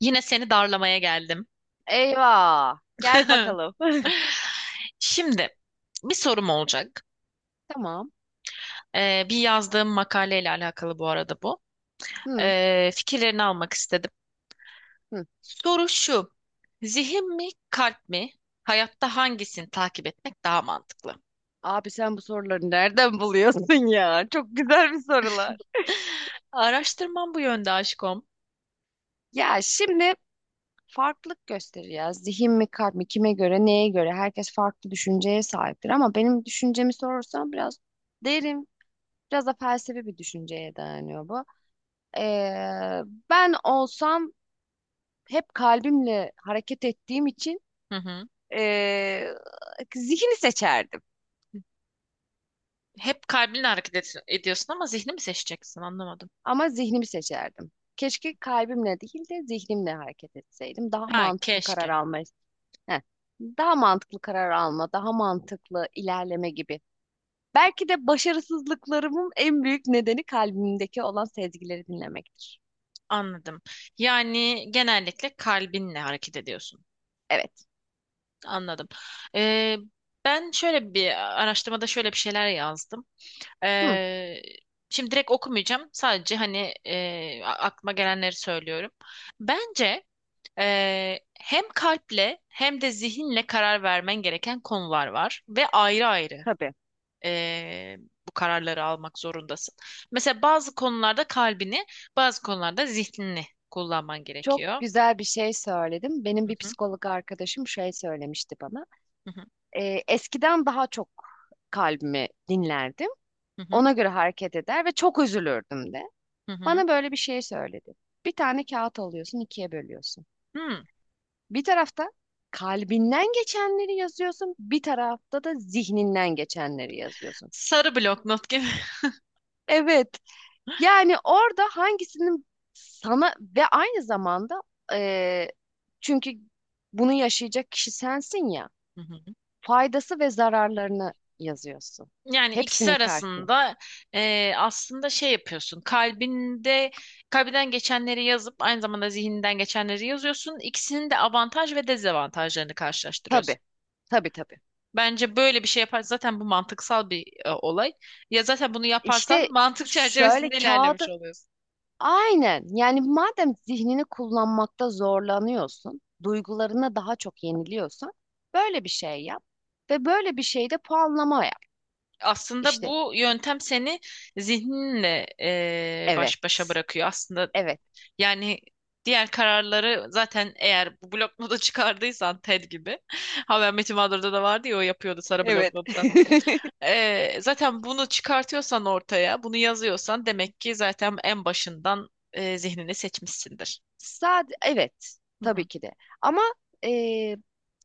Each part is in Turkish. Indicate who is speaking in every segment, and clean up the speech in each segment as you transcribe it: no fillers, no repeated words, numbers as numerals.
Speaker 1: Yine seni darlamaya geldim.
Speaker 2: Eyvah. Gel bakalım.
Speaker 1: Şimdi bir sorum olacak.
Speaker 2: Tamam.
Speaker 1: Bir yazdığım makaleyle alakalı bu arada bu.
Speaker 2: Hı,
Speaker 1: Fikirlerini almak istedim.
Speaker 2: hı.
Speaker 1: Soru şu. Zihin mi, kalp mi? Hayatta hangisini takip etmek daha mantıklı?
Speaker 2: Abi sen bu soruları nereden buluyorsun ya? Çok güzel bir sorular.
Speaker 1: Araştırmam bu yönde aşkım.
Speaker 2: Ya şimdi farklılık gösterir ya. Zihin mi kalp mi kime göre neye göre herkes farklı düşünceye sahiptir ama benim düşüncemi sorarsan biraz derin biraz da felsefi bir düşünceye dayanıyor bu. Ee, Ben olsam hep kalbimle hareket ettiğim için
Speaker 1: Hı hı.
Speaker 2: ee, zihni seçerdim.
Speaker 1: Hep kalbinle ediyorsun ama zihni mi seçeceksin? Anlamadım.
Speaker 2: Ama zihnimi seçerdim. Keşke kalbimle değil de zihnimle hareket etseydim. Daha
Speaker 1: Ha,
Speaker 2: mantıklı karar
Speaker 1: keşke.
Speaker 2: alma, heh, daha mantıklı karar alma, daha mantıklı ilerleme gibi. Belki de başarısızlıklarımın en büyük nedeni kalbimdeki olan sezgileri dinlemektir.
Speaker 1: Anladım. Yani genellikle kalbinle hareket ediyorsun.
Speaker 2: Evet.
Speaker 1: Anladım. Ee, Ben şöyle bir araştırmada şöyle bir şeyler yazdım.
Speaker 2: Hı,
Speaker 1: Ee, Şimdi direkt okumayacağım. Sadece hani aklıma gelenleri söylüyorum. Bence hem kalple hem de zihinle karar vermen gereken konular var ve ayrı ayrı
Speaker 2: tabii.
Speaker 1: e, bu kararları almak zorundasın. Mesela bazı konularda kalbini, bazı konularda zihnini kullanman
Speaker 2: Çok
Speaker 1: gerekiyor.
Speaker 2: güzel bir şey söyledim. Benim
Speaker 1: Hı
Speaker 2: bir
Speaker 1: hı,
Speaker 2: psikolog arkadaşım şey söylemişti bana.
Speaker 1: hı hı,
Speaker 2: Eskiden daha çok kalbimi dinlerdim.
Speaker 1: hı hı,
Speaker 2: Ona göre hareket eder ve çok üzülürdüm de.
Speaker 1: hı hı.
Speaker 2: Bana böyle bir şey söyledi. Bir tane kağıt alıyorsun, ikiye bölüyorsun.
Speaker 1: Hmm,
Speaker 2: Bir tarafta kalbinden geçenleri yazıyorsun, bir tarafta da zihninden geçenleri yazıyorsun.
Speaker 1: sarı blok not gibi.
Speaker 2: Evet, yani orada hangisinin sana ve aynı zamanda eee, çünkü bunu yaşayacak kişi sensin ya, faydası ve zararlarını yazıyorsun.
Speaker 1: Yani ikisi
Speaker 2: Hepsinin karşısına.
Speaker 1: arasında aslında şey yapıyorsun. Kalbinden geçenleri yazıp aynı zamanda zihninden geçenleri yazıyorsun. İkisinin de avantaj ve dezavantajlarını
Speaker 2: Tabii,
Speaker 1: karşılaştırıyorsun.
Speaker 2: tabii.
Speaker 1: Bence böyle bir şey yapar zaten bu mantıksal bir olay. Ya zaten bunu
Speaker 2: İşte
Speaker 1: yaparsan mantık
Speaker 2: şöyle
Speaker 1: çerçevesinde ilerlemiş
Speaker 2: kağıdı
Speaker 1: oluyorsun.
Speaker 2: aynen. Yani madem zihnini kullanmakta zorlanıyorsun, duygularına daha çok yeniliyorsan, böyle bir şey yap ve böyle bir şeyde puanlama yap.
Speaker 1: Aslında
Speaker 2: İşte
Speaker 1: bu yöntem seni zihninle
Speaker 2: evet,
Speaker 1: baş başa bırakıyor. Aslında
Speaker 2: evet.
Speaker 1: yani diğer kararları zaten eğer bu bloknotu çıkardıysan Ted gibi. Ha, ben Metin Mağdur'da da vardı ya o yapıyordu sarı
Speaker 2: Evet.
Speaker 1: bloknotta. Zaten bunu çıkartıyorsan ortaya, bunu yazıyorsan demek ki zaten en başından zihnini seçmişsindir.
Speaker 2: Sadece evet
Speaker 1: Hı
Speaker 2: tabii
Speaker 1: hı.
Speaker 2: ki de. Ama eee,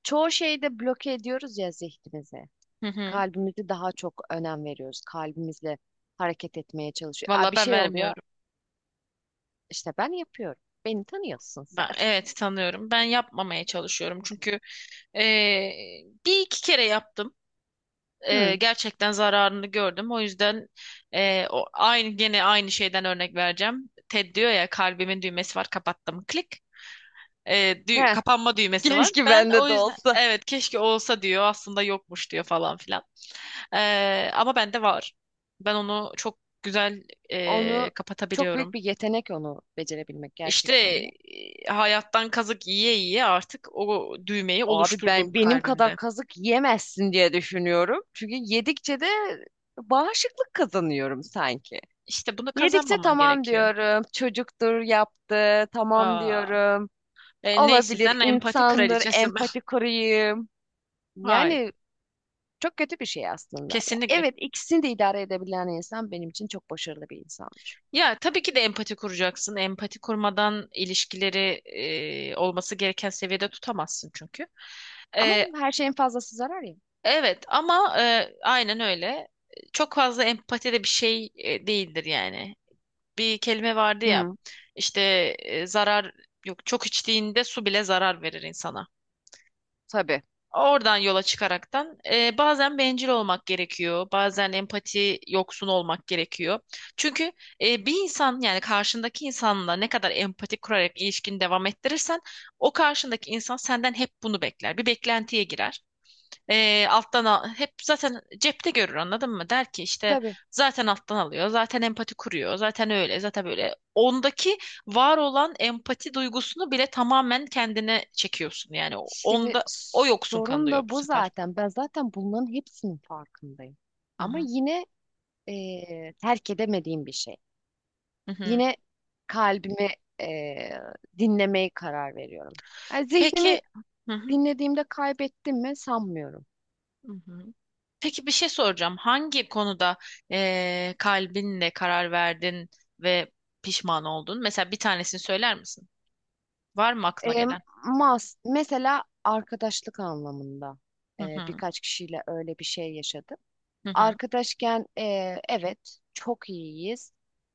Speaker 2: çoğu şeyde bloke ediyoruz ya zihnimizi.
Speaker 1: Hı hı.
Speaker 2: Kalbimizi daha çok önem veriyoruz. Kalbimizle hareket etmeye çalışıyoruz. Aa,
Speaker 1: Valla
Speaker 2: bir
Speaker 1: ben
Speaker 2: şey oluyor.
Speaker 1: vermiyorum.
Speaker 2: İşte ben yapıyorum. Beni tanıyorsun sen.
Speaker 1: Ben, evet tanıyorum. Ben yapmamaya çalışıyorum. Çünkü e, bir iki kere yaptım.
Speaker 2: Hı.
Speaker 1: Gerçekten zararını gördüm. O yüzden aynı gene aynı şeyden örnek vereceğim. Ted diyor ya kalbimin düğmesi var, kapattım, klik. E,
Speaker 2: Heh,
Speaker 1: kapanma düğmesi var.
Speaker 2: keşke
Speaker 1: Ben
Speaker 2: bende
Speaker 1: o
Speaker 2: de
Speaker 1: yüzden
Speaker 2: olsa.
Speaker 1: evet keşke olsa diyor, aslında yokmuş diyor falan filan. E, ama bende var. Ben onu çok güzel
Speaker 2: Onu çok büyük
Speaker 1: kapatabiliyorum.
Speaker 2: bir yetenek onu becerebilmek
Speaker 1: İşte
Speaker 2: gerçekten de.
Speaker 1: hayattan kazık yiye yiye artık o düğmeyi
Speaker 2: Abi
Speaker 1: oluşturdum
Speaker 2: ben benim kadar
Speaker 1: kalbimde.
Speaker 2: kazık yemezsin diye düşünüyorum. Çünkü yedikçe de bağışıklık kazanıyorum sanki.
Speaker 1: İşte bunu
Speaker 2: Yedikçe
Speaker 1: kazanmaman
Speaker 2: tamam
Speaker 1: gerekiyor.
Speaker 2: diyorum. Çocuktur yaptı. Tamam
Speaker 1: Aa.
Speaker 2: diyorum.
Speaker 1: Neysin
Speaker 2: Olabilir
Speaker 1: sen, empati
Speaker 2: insandır.
Speaker 1: kraliçesi mi?
Speaker 2: Empati kurayım.
Speaker 1: Hayır,
Speaker 2: Yani çok kötü bir şey aslında. Ya
Speaker 1: kesinlikle.
Speaker 2: evet ikisini de idare edebilen insan benim için çok başarılı bir insandır.
Speaker 1: Ya tabii ki de empati kuracaksın. Empati kurmadan ilişkileri olması gereken seviyede tutamazsın çünkü.
Speaker 2: Ama
Speaker 1: E,
Speaker 2: her şeyin fazlası zarar ya.
Speaker 1: evet ama aynen öyle. Çok fazla empati de bir şey değildir yani. Bir kelime vardı ya,
Speaker 2: Hı,
Speaker 1: işte e, zarar yok, çok içtiğinde su bile zarar verir insana.
Speaker 2: tabii.
Speaker 1: Oradan yola çıkaraktan bazen bencil olmak gerekiyor, bazen empati yoksun olmak gerekiyor. Çünkü bir insan, yani karşındaki insanla ne kadar empati kurarak ilişkini devam ettirirsen o karşındaki insan senden hep bunu bekler. Bir beklentiye girer. Alttan al, hep zaten cepte görür, anladın mı? Der ki işte
Speaker 2: Tabii.
Speaker 1: zaten alttan alıyor, zaten empati kuruyor, zaten öyle, zaten böyle. Ondaki var olan empati duygusunu bile tamamen kendine çekiyorsun. Yani
Speaker 2: Şimdi
Speaker 1: onda o yoksun
Speaker 2: sorun
Speaker 1: kalıyor
Speaker 2: da
Speaker 1: bu
Speaker 2: bu
Speaker 1: sefer.
Speaker 2: zaten. Ben zaten bunların hepsinin farkındayım.
Speaker 1: Hı
Speaker 2: Ama
Speaker 1: hı.
Speaker 2: yine terk edemediğim bir şey.
Speaker 1: Hı hı.
Speaker 2: Yine kalbimi eee dinlemeye karar veriyorum. Yani zihnimi
Speaker 1: Peki, hı hı.
Speaker 2: dinlediğimde kaybettim mi sanmıyorum.
Speaker 1: Hı hı. Peki, bir şey soracağım. Hangi konuda kalbinle karar verdin ve pişman oldun? Mesela bir tanesini söyler misin? Var mı aklına
Speaker 2: Eee,
Speaker 1: gelen?
Speaker 2: mas Mesela arkadaşlık anlamında
Speaker 1: Hı hı.
Speaker 2: birkaç kişiyle öyle bir şey yaşadım.
Speaker 1: Hı hı.
Speaker 2: Arkadaşken evet çok iyiyiz.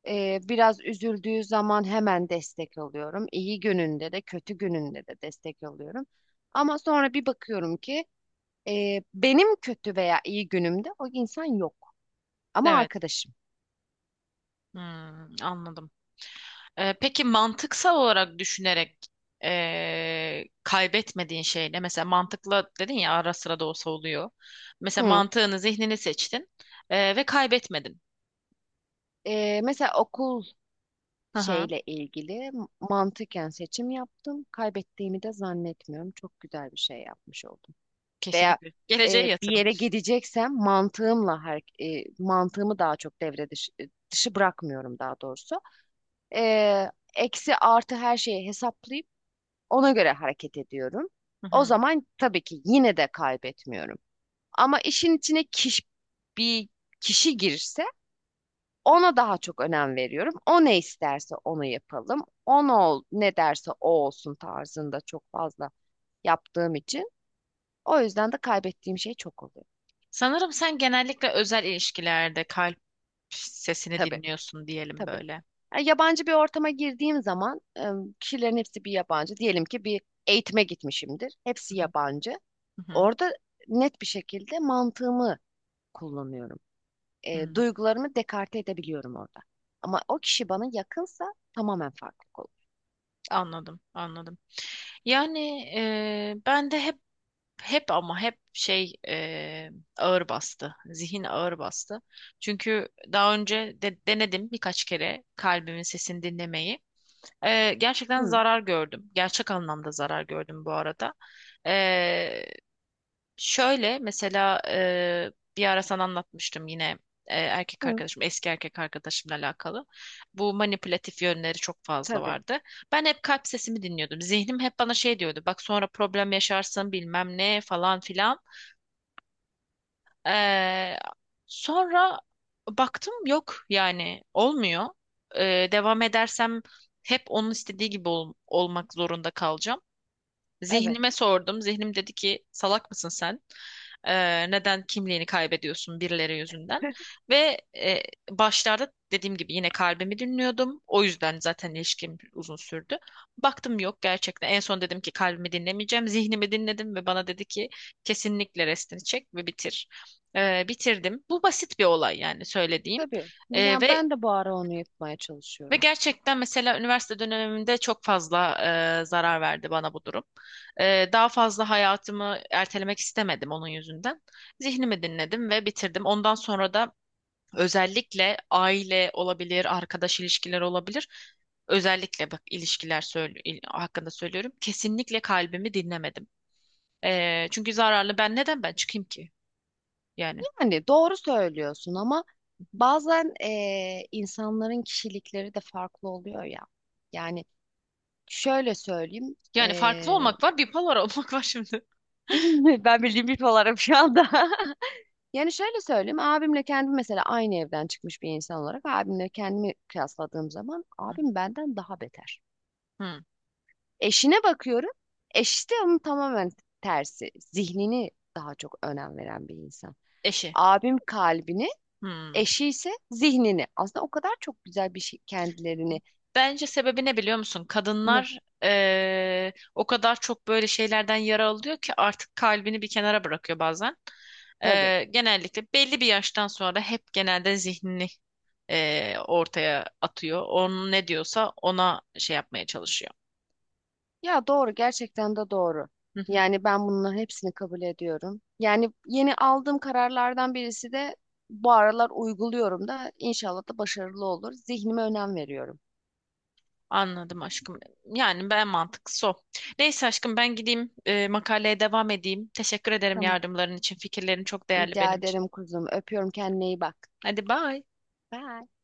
Speaker 2: Biraz üzüldüğü zaman hemen destek alıyorum. İyi gününde de kötü gününde de destek alıyorum. Ama sonra bir bakıyorum ki benim kötü veya iyi günümde o insan yok. Ama
Speaker 1: Evet.
Speaker 2: arkadaşım.
Speaker 1: Hmm, anladım. Peki mantıksal olarak düşünerek kaybetmediğin şey ne? Mesela mantıkla dedin ya, ara sıra da olsa oluyor. Mesela
Speaker 2: Hı.
Speaker 1: mantığını, zihnini seçtin ve kaybetmedin.
Speaker 2: Mesela okul
Speaker 1: Hı hı,
Speaker 2: şeyle ilgili mantıken seçim yaptım. Kaybettiğimi de zannetmiyorum. Çok güzel bir şey yapmış oldum. Veya
Speaker 1: kesinlikle. Geleceğe
Speaker 2: bir
Speaker 1: yatırım.
Speaker 2: yere gideceksem mantığımla mantığımı daha çok dışı bırakmıyorum daha doğrusu. Eksi artı her şeyi hesaplayıp ona göre hareket ediyorum.
Speaker 1: Hı
Speaker 2: O
Speaker 1: hı.
Speaker 2: zaman tabii ki yine de kaybetmiyorum. Ama bir kişi girse ona daha çok önem veriyorum. O ne isterse onu yapalım. Ne derse o olsun tarzında çok fazla yaptığım için. O yüzden de kaybettiğim şey çok oluyor.
Speaker 1: Sanırım sen genellikle özel ilişkilerde kalp sesini
Speaker 2: Tabii.
Speaker 1: dinliyorsun, diyelim
Speaker 2: Tabii.
Speaker 1: böyle.
Speaker 2: Yani yabancı bir ortama girdiğim zaman kişilerin hepsi bir yabancı. Diyelim ki bir eğitime gitmişimdir.
Speaker 1: Hı
Speaker 2: Hepsi
Speaker 1: hı,
Speaker 2: yabancı.
Speaker 1: hı hı,
Speaker 2: Orada net bir şekilde mantığımı kullanıyorum.
Speaker 1: hı.
Speaker 2: Duygularımı dekarte edebiliyorum orada. Ama o kişi bana yakınsa tamamen farklı olur.
Speaker 1: Anladım, anladım. Yani ben de hep ama hep ağır bastı. Zihin ağır bastı. Çünkü daha önce de denedim birkaç kere kalbimin sesini dinlemeyi. Gerçekten
Speaker 2: Hı,
Speaker 1: zarar gördüm. Gerçek anlamda zarar gördüm bu arada. Eee, Şöyle mesela, bir ara sana anlatmıştım yine, erkek
Speaker 2: hı,
Speaker 1: arkadaşım, eski erkek arkadaşımla alakalı. Bu manipülatif yönleri çok fazla
Speaker 2: tabii.
Speaker 1: vardı. Ben hep kalp sesimi dinliyordum. Zihnim hep bana şey diyordu. Bak sonra problem yaşarsın bilmem ne falan filan. Ee, Sonra baktım yok, yani olmuyor. Devam edersem hep onun istediği gibi olmak zorunda kalacağım.
Speaker 2: Evet.
Speaker 1: Zihnime sordum. Zihnim dedi ki salak mısın sen? Neden kimliğini kaybediyorsun birileri yüzünden? Ve başlarda dediğim gibi yine kalbimi dinliyordum. O yüzden zaten ilişkim uzun sürdü. Baktım yok gerçekten. En son dedim ki kalbimi dinlemeyeceğim. Zihnimi dinledim ve bana dedi ki kesinlikle restini çek ve bitir. Bitirdim. Bu basit bir olay yani söylediğim.
Speaker 2: Tabii.
Speaker 1: Ee,
Speaker 2: Yani
Speaker 1: ve
Speaker 2: ben de bu ara onu yapmaya
Speaker 1: ve
Speaker 2: çalışıyorum.
Speaker 1: gerçekten mesela üniversite dönemimde çok fazla zarar verdi bana bu durum. Daha fazla hayatımı ertelemek istemedim onun yüzünden. Zihnimi dinledim ve bitirdim. Ondan sonra da özellikle aile olabilir, arkadaş ilişkileri olabilir. Özellikle bak ilişkiler hakkında söylüyorum. Kesinlikle kalbimi dinlemedim. Çünkü zararlı, ben neden ben çıkayım ki? Yani,
Speaker 2: Yani doğru söylüyorsun ama bazen insanların kişilikleri de farklı oluyor ya. Yani Şöyle söyleyeyim.
Speaker 1: yani farklı olmak var, bipolar olmak var şimdi.
Speaker 2: Ben bildiğim bir olarım şu anda. Yani şöyle söyleyeyim. Abimle kendim mesela aynı evden çıkmış bir insan olarak abimle kendimi kıyasladığım zaman
Speaker 1: Hı hı.
Speaker 2: abim benden daha beter.
Speaker 1: Hı.
Speaker 2: Eşine bakıyorum. Eşi de onun tamamen tersi. Zihnini daha çok önem veren bir insan.
Speaker 1: Eşi.
Speaker 2: Abim kalbini,
Speaker 1: Hı.
Speaker 2: eşi ise zihnini. Aslında o kadar çok güzel bir şey kendilerini
Speaker 1: Bence sebebi ne biliyor musun?
Speaker 2: ne
Speaker 1: Kadınlar o kadar çok böyle şeylerden yara alıyor ki artık kalbini bir kenara bırakıyor bazen.
Speaker 2: tabii.
Speaker 1: Genellikle belli bir yaştan sonra hep genelde zihnini ortaya atıyor. Onun ne diyorsa ona şey yapmaya çalışıyor.
Speaker 2: Ya doğru gerçekten de doğru.
Speaker 1: Hı hı.
Speaker 2: Yani ben bunların hepsini kabul ediyorum. Yani yeni aldığım kararlardan birisi de bu aralar uyguluyorum da inşallah da başarılı olur. Zihnime önem veriyorum.
Speaker 1: Anladım aşkım. Yani ben mantıklısı o. Neyse aşkım, ben gideyim makaleye devam edeyim. Teşekkür ederim
Speaker 2: Tamam.
Speaker 1: yardımların için. Fikirlerin çok değerli
Speaker 2: Rica
Speaker 1: benim için.
Speaker 2: ederim kuzum. Öpüyorum kendine iyi bak.
Speaker 1: Hadi bye.
Speaker 2: Bye.